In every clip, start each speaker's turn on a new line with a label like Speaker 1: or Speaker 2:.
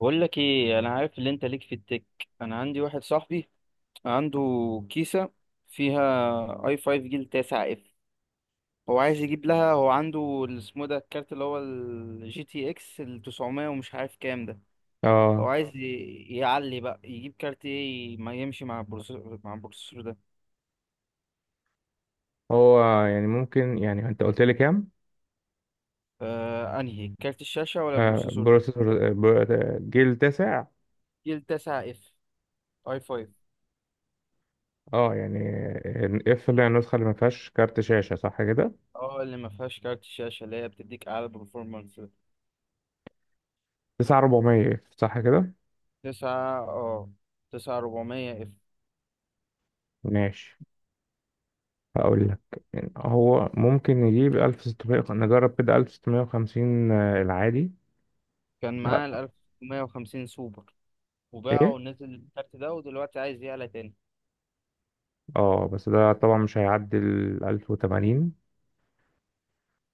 Speaker 1: بقول لك ايه، انا عارف اللي انت ليك في التك. انا عندي واحد صاحبي عنده كيسه فيها اي 5 جيل 9 اف. هو عايز يجيب لها. هو عنده اسمه ده الكارت، اللي هو الجي تي اكس ال 900 ومش عارف كام ده. هو
Speaker 2: اه
Speaker 1: عايز يعلي بقى، يجيب كارت ايه ما يمشي مع البروسيسور ده.
Speaker 2: هو يعني ممكن يعني انت قلت لي كام؟
Speaker 1: انهي كارت الشاشه ولا البروسيسور؟
Speaker 2: بروسيسور، جيل تسع.
Speaker 1: جيل 9 اف، اي 5.
Speaker 2: اه يعني اف، اللي هي النسخه اللي ما فيهاش كارت شاشه، صح كده؟
Speaker 1: اه، اللي ما فيهاش كارت الشاشه، اللي هي بتديك اعلى برفورمانس.
Speaker 2: 9400 اف، صح كده؟
Speaker 1: 9 اه 9400 اف.
Speaker 2: ماشي. هقول لك، يعني هو ممكن نجيب 1600، نجرب كده 1650 العادي
Speaker 1: كان
Speaker 2: ده؟
Speaker 1: معاه ال 1650 سوبر، وباعه
Speaker 2: ايه،
Speaker 1: ونزل الكارت ده، ودلوقتي عايز يعلى تاني.
Speaker 2: اه بس ده طبعا مش هيعدي ال 1080.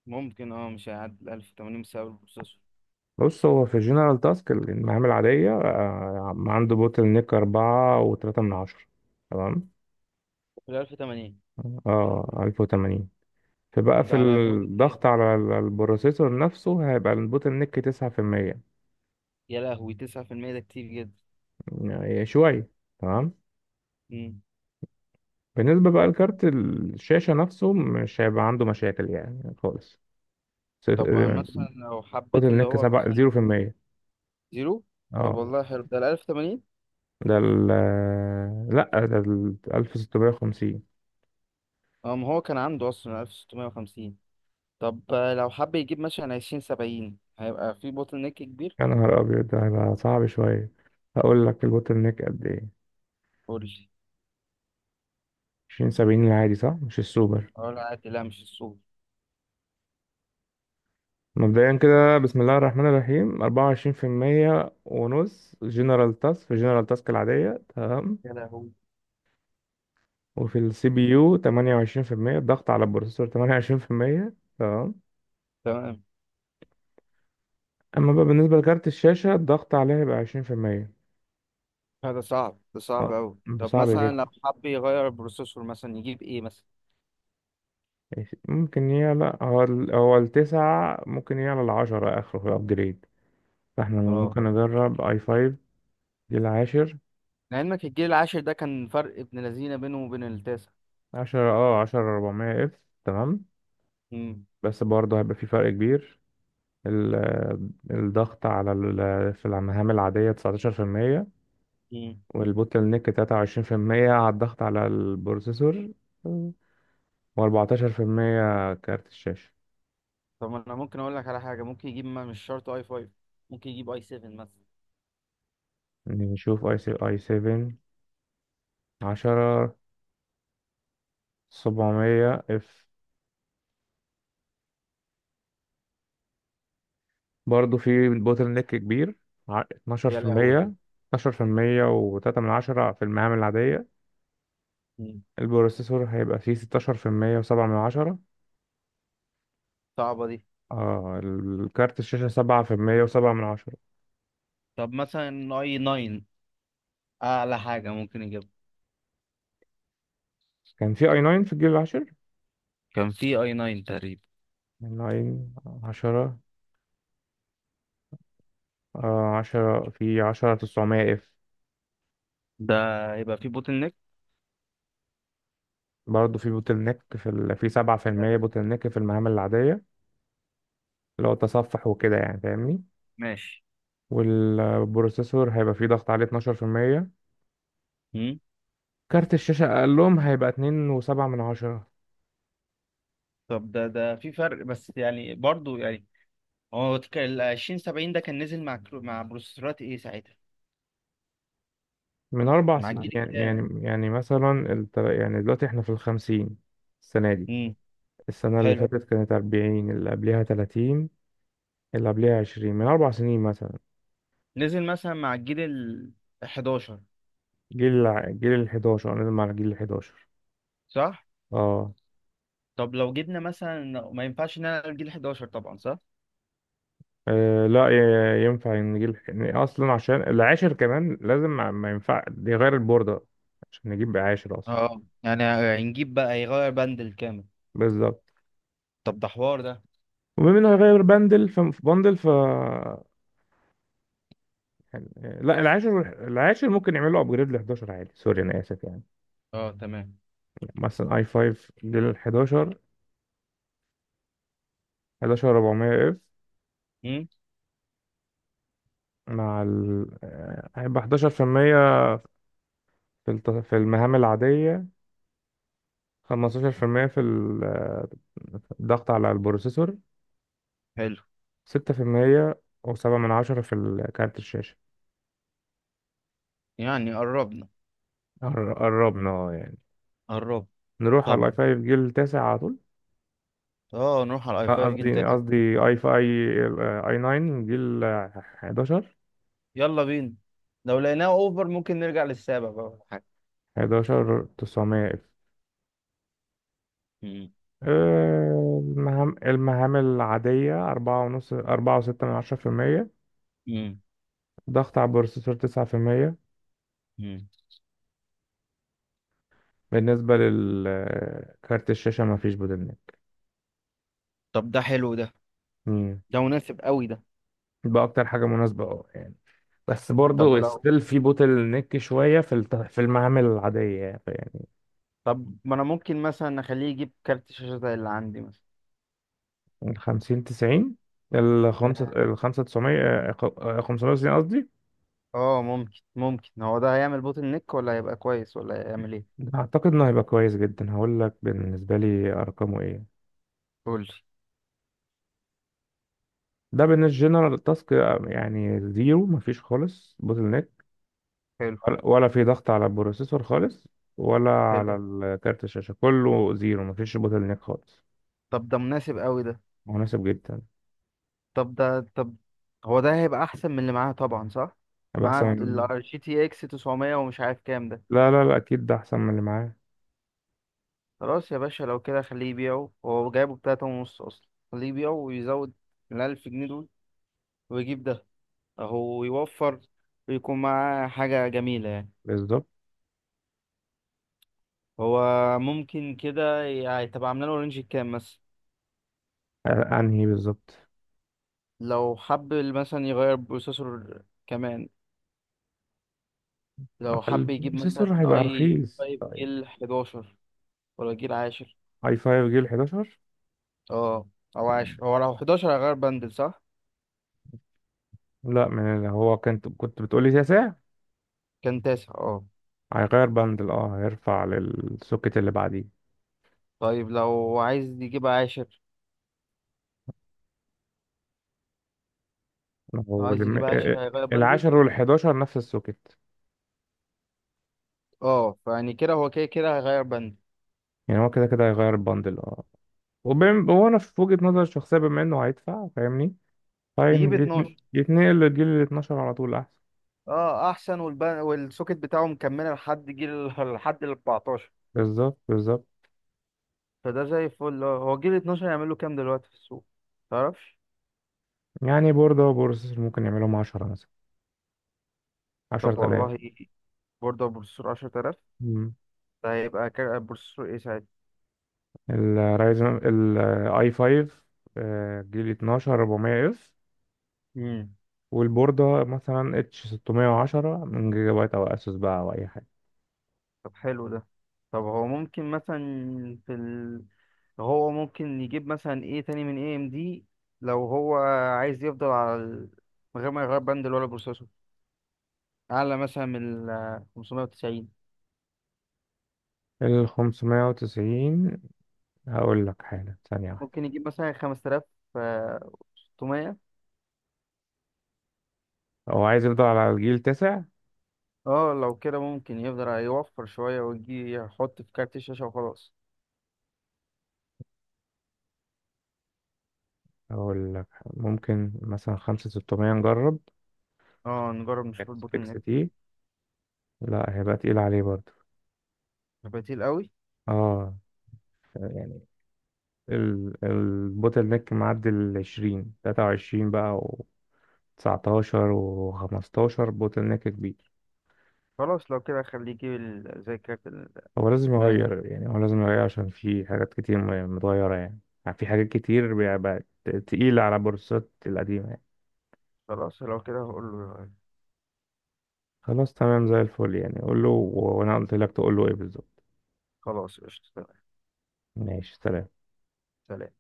Speaker 1: ممكن، مش هيعدي ال 1080 بسبب البروسيسور.
Speaker 2: بص، هو في الجنرال تاسك، المهام العادية، عنده بوتل نيك أربعة وتلاتة من عشرة. تمام.
Speaker 1: ال 1080
Speaker 2: اه 1080. فبقى في
Speaker 1: ده على جودة ايه؟
Speaker 2: الضغط على البروسيسور نفسه هيبقى البوتل نيك 9%.
Speaker 1: يا لهوي، 9%، ده كتير جدا.
Speaker 2: يعني شوية. تمام.
Speaker 1: مم.
Speaker 2: بالنسبة بقى لكارت الشاشة نفسه مش هيبقى عنده مشاكل يعني خالص.
Speaker 1: طب وأنا
Speaker 2: صفر-
Speaker 1: مثلا لو
Speaker 2: البوتل
Speaker 1: حبيت اللي
Speaker 2: نيك
Speaker 1: هو
Speaker 2: سبعة
Speaker 1: مثلا.
Speaker 2: زيرو في المية.
Speaker 1: زيرو. طب
Speaker 2: اه
Speaker 1: والله حلو ده ال 1080.
Speaker 2: ده ال، لأ ده ال 1650.
Speaker 1: اه، ما هو كان عنده اصلا 1650. طب، لو حب يجيب مثلا 2070 هيبقى في بوتل نيك كبير.
Speaker 2: يا نهار أبيض، ده هيبقى صعب شوية. هقول لك البوتل نيك قد ايه.
Speaker 1: قول لي.
Speaker 2: 20 70 العادي، صح؟ مش السوبر.
Speaker 1: اه، لا عادي، لا مش السوبر.
Speaker 2: مبدئيا كده، بسم الله الرحمن الرحيم، أربعة وعشرين في المية ونص جنرال تاسك، في جنرال تاسك العادية، تمام.
Speaker 1: يا لهوي.
Speaker 2: وفي السي بي يو تمانية وعشرين في المية، الضغط على البروسيسور تمانية وعشرين في المية، تمام.
Speaker 1: تمام.
Speaker 2: أما بقى بالنسبة لكارت الشاشة الضغط عليها يبقى عشرين في المية.
Speaker 1: هذا صعب، ده صعب
Speaker 2: آه،
Speaker 1: أوي.
Speaker 2: ده
Speaker 1: طب
Speaker 2: صعب
Speaker 1: مثلا
Speaker 2: جدا.
Speaker 1: لو حب يغير البروسيسور، مثلا يجيب ايه مثلا؟
Speaker 2: ماشي. ممكن يعلى، هو هو التسعة ممكن يعلى العشرة، آخره في الأبجريد. فاحنا
Speaker 1: اه،
Speaker 2: ممكن نجرب اي فايف، دي العاشر.
Speaker 1: لعلمك الجيل العاشر ده كان فرق ابن لذينه بينه وبين التاسع.
Speaker 2: عشرة، عشرة أربعمية اف. تمام.
Speaker 1: امم.
Speaker 2: بس برضه هيبقى في فرق كبير. ال- الضغط على في المهام العادية 19%،
Speaker 1: امم.
Speaker 2: والبوتل نيك 23% على الضغط على البروسيسور، و14% كارت الشاشة.
Speaker 1: طب، ما انا ممكن اقول لك على حاجه، ممكن يجيب، ما مش شرط اي 5، ممكن يجيب اي 7 مثلا.
Speaker 2: يعني نشوف اي سي اي 7، 10 700 اف، برضه في بوتل نيك كبير.
Speaker 1: يا لهوي.
Speaker 2: 12%. 12% و3 من عشرة في المهام العادية.
Speaker 1: مم.
Speaker 2: البروسيسور هيبقى فيه 16% و7 من عشرة.
Speaker 1: صعبه دي.
Speaker 2: اه الكارت الشاشة 7% و7 من عشرة.
Speaker 1: طب مثلا اي 9، اعلى حاجه ممكن يجيب.
Speaker 2: كان في اي 9 في الجيل العاشر.
Speaker 1: كان في اي 9 تقريبا.
Speaker 2: يعني اي 9 10. آه 10 في 10 900 اف.
Speaker 1: ده هيبقى في بوتل نيك.
Speaker 2: برضه في بوتل نيك في في 7% بوتل نيك في المعامل العادية، اللي هو تصفح وكده يعني، فاهمني؟
Speaker 1: ماشي.
Speaker 2: والبروسيسور هيبقى فيه ضغط عليه 12%.
Speaker 1: مم.
Speaker 2: كارت الشاشة أقلهم هيبقى 2.7 من عشرة.
Speaker 1: طب ده في فرق، بس يعني، برضو يعني هو ال 20 70 ده كان نزل مع مع بروسيسورات ايه ساعتها؟
Speaker 2: من أربع
Speaker 1: مع
Speaker 2: سنين
Speaker 1: الجيل
Speaker 2: يعني،
Speaker 1: الكام؟
Speaker 2: مثلا يعني دلوقتي احنا في الخمسين، السنة دي.
Speaker 1: امم.
Speaker 2: السنة اللي
Speaker 1: حلو.
Speaker 2: فاتت كانت 40، اللي قبلها 30، اللي قبلها 20، من أربع سنين مثلا.
Speaker 1: نزل مثلا مع الجيل ال 11.
Speaker 2: جيل ال 11. انا نازل على جيل ال 11.
Speaker 1: صح.
Speaker 2: اه
Speaker 1: طب لو جبنا مثلا، ما ينفعش نلعب الجيل 11 طبعا، صح.
Speaker 2: آه، لا ينفع ان جيل، إن اصلا عشان العاشر كمان لازم ما ينفع يغير البوردة عشان نجيب عاشر اصلا.
Speaker 1: اه يعني، هنجيب بقى يغير بند كامل.
Speaker 2: بالظبط.
Speaker 1: طب ده حوار ده.
Speaker 2: وبما انه هيغير بندل، ف في بندل ف يعني. لا، العاشر، العاشر ممكن يعملوا ابجريد ل 11 عادي. سوري، انا اسف يعني.
Speaker 1: اه، تمام.
Speaker 2: مثلا اي 5 جيل ال 11، 11 400 اف.
Speaker 1: امم.
Speaker 2: مع ال، هيبقى 11% في المية في في المهام العادية، 15% في المية في الضغط على البروسيسور،
Speaker 1: حلو
Speaker 2: 6% وسبعة من عشرة في كارت الشاشة.
Speaker 1: يعني، قربنا.
Speaker 2: قربنا يعني.
Speaker 1: قرب.
Speaker 2: نروح على
Speaker 1: طب،
Speaker 2: الاي 5 جيل تاسع على طول.
Speaker 1: اه نروح على الاي
Speaker 2: آه،
Speaker 1: 5 جيل
Speaker 2: قصدي
Speaker 1: تاسع.
Speaker 2: قصدي اي 5، اي 9 جيل 11،
Speaker 1: يلا بينا. لو لقيناه اوفر ممكن نرجع للسابع بقى ولا حاجه.
Speaker 2: 11 900 اف.
Speaker 1: امم.
Speaker 2: المهام العادية أربعة ونص، أربعة وستة من عشرة في المية. ضغط على البروسيسور تسعة في المية.
Speaker 1: امم.
Speaker 2: بالنسبة للكارت الشاشة مفيش بوتلنيك.
Speaker 1: طب ده حلو ده، ده مناسب قوي ده.
Speaker 2: بقى اكتر حاجه مناسبه يعني. بس
Speaker 1: طب
Speaker 2: برضه
Speaker 1: لو
Speaker 2: ستيل في بوتل نيك شويه في في المعامل العاديه يعني يعني.
Speaker 1: طب، ما انا ممكن مثلا اخليه يجيب كارت شاشة زي اللي عندي مثلا.
Speaker 2: من 50 90، ال 5، ال 5 900، 590 قصدي.
Speaker 1: اه، ممكن، هو ده هيعمل بوتل نيك ولا هيبقى كويس ولا هيعمل ايه؟
Speaker 2: ده اعتقد انه هيبقى كويس جدا. هقول لك بالنسبه لي ارقامه ايه.
Speaker 1: قولي.
Speaker 2: ده بالنسبه جنرال تاسك يعني زيرو، مفيش خالص بوتل نيك.
Speaker 1: حلو.
Speaker 2: ولا في ضغط على البروسيسور خالص، ولا
Speaker 1: حلو.
Speaker 2: على كارت الشاشه، كله زيرو مفيش بوتل نيك خالص.
Speaker 1: طب ده مناسب قوي ده.
Speaker 2: مناسب جدا.
Speaker 1: طب، هو ده هيبقى احسن من اللي معاها طبعا، صح.
Speaker 2: هيبقى احسن
Speaker 1: مع
Speaker 2: من.
Speaker 1: ال جي تي اكس 900 ومش عارف كام ده.
Speaker 2: لا لا لا، اكيد ده احسن من اللي معاه.
Speaker 1: خلاص يا باشا، لو كده خليه يبيعه. هو جايبه بتلاتة ونص اصلا. خليه يبيعه ويزود الألف جنيه دول، ويجيب ده. اهو يوفر ويكون معاه حاجة جميلة يعني.
Speaker 2: بالظبط.
Speaker 1: هو ممكن كده يعني تبقى عاملة له رينج كام مثلا؟
Speaker 2: انهي بالظبط.
Speaker 1: لو حب مثلا يغير بروسيسور كمان، لو
Speaker 2: أقل
Speaker 1: حب يجيب
Speaker 2: السيسور
Speaker 1: مثلا
Speaker 2: هيبقى
Speaker 1: اي
Speaker 2: رخيص
Speaker 1: 5
Speaker 2: طيب.
Speaker 1: جيل 11 ولا جيل 10.
Speaker 2: اي 5 جيل 11.
Speaker 1: اه، او 10. هو لو 11 هيغير بندل، صح.
Speaker 2: لا، من اللي هو، كنت بتقولي تسع.
Speaker 1: كان تاسع، اه.
Speaker 2: هيغير بندل، هيرفع للسوكت اللي بعديه.
Speaker 1: طيب، لو
Speaker 2: هو
Speaker 1: عايز يجيب 10 هيغير بندل،
Speaker 2: العاشر والحداشر نفس السوكت.
Speaker 1: اه. فيعني كده، هو كده كده هيغير بندل.
Speaker 2: يعني هو كده كده هيغير البندل اه وانا في وجهة نظري الشخصية، بما انه هيدفع، فاهمني؟
Speaker 1: يجيب 12،
Speaker 2: يتنقل للجيل ال 12 على طول احسن.
Speaker 1: اه احسن. والسوكت بتاعه مكمله لحد ال 14.
Speaker 2: بالظبط بالظبط.
Speaker 1: فده زي الفل، اه. هو جيل 12 يعمل له كام دلوقتي في السوق، تعرفش؟
Speaker 2: يعني بوردة وبروسيسور ممكن يعملهم 10 مثلا،
Speaker 1: طب
Speaker 2: 10,000.
Speaker 1: والله، إيه؟ برضه بروسيسور 10,000؟ ده هيبقى بروسيسور ايه ساعتها؟
Speaker 2: الرايزن الاي 5 جيل 12 400 اف،
Speaker 1: امم.
Speaker 2: والبوردة مثلا اتش 610 من جيجا بايت، او اسوس بقى، او اي حاجة.
Speaker 1: طب حلو ده. طب هو ممكن مثلا في ال... هو ممكن يجيب مثلا ايه تاني من اي ام دي؟ لو هو عايز يفضل على ال... من غير ما يغير بند ولا بروسيسور، اعلى مثلا من ال 590.
Speaker 2: ال 590. هقول لك حالا، ثانية واحدة.
Speaker 1: ممكن يجيب مثلا 5600.
Speaker 2: هو عايز يفضل على الجيل 9.
Speaker 1: اه لو كده ممكن، يقدر هيوفر شوية ويجي يحط في كارت الشاشة وخلاص.
Speaker 2: هقول لك، ممكن مثلا 5600 نجرب.
Speaker 1: اه، نجرب نشوف
Speaker 2: اكس
Speaker 1: البوتل
Speaker 2: اكس
Speaker 1: نيك.
Speaker 2: تي. لا هيبقى تقيل عليه برضه.
Speaker 1: بديل قوي.
Speaker 2: اه يعني. ال البوتل نيك معدي ال 20 23 بقى، و 19 و 15 بوتل نيك كبير.
Speaker 1: خلاص لو كده خليه يجيب زي الكارت اللي
Speaker 2: هو لازم
Speaker 1: انا جبته.
Speaker 2: يغير يعني، هو لازم يغير عشان في حاجات كتير يعني متغيرة يعني. يعني في حاجات كتير بقى بقت تقيلة على بورصات القديمة يعني.
Speaker 1: خلاص لو كده هقول له.
Speaker 2: خلاص تمام، زي الفل يعني. قول له، وانا قلت لك تقول له ايه بالظبط.
Speaker 1: خلاص، قشطة، تمام.
Speaker 2: ماشي، سلام.
Speaker 1: سلام.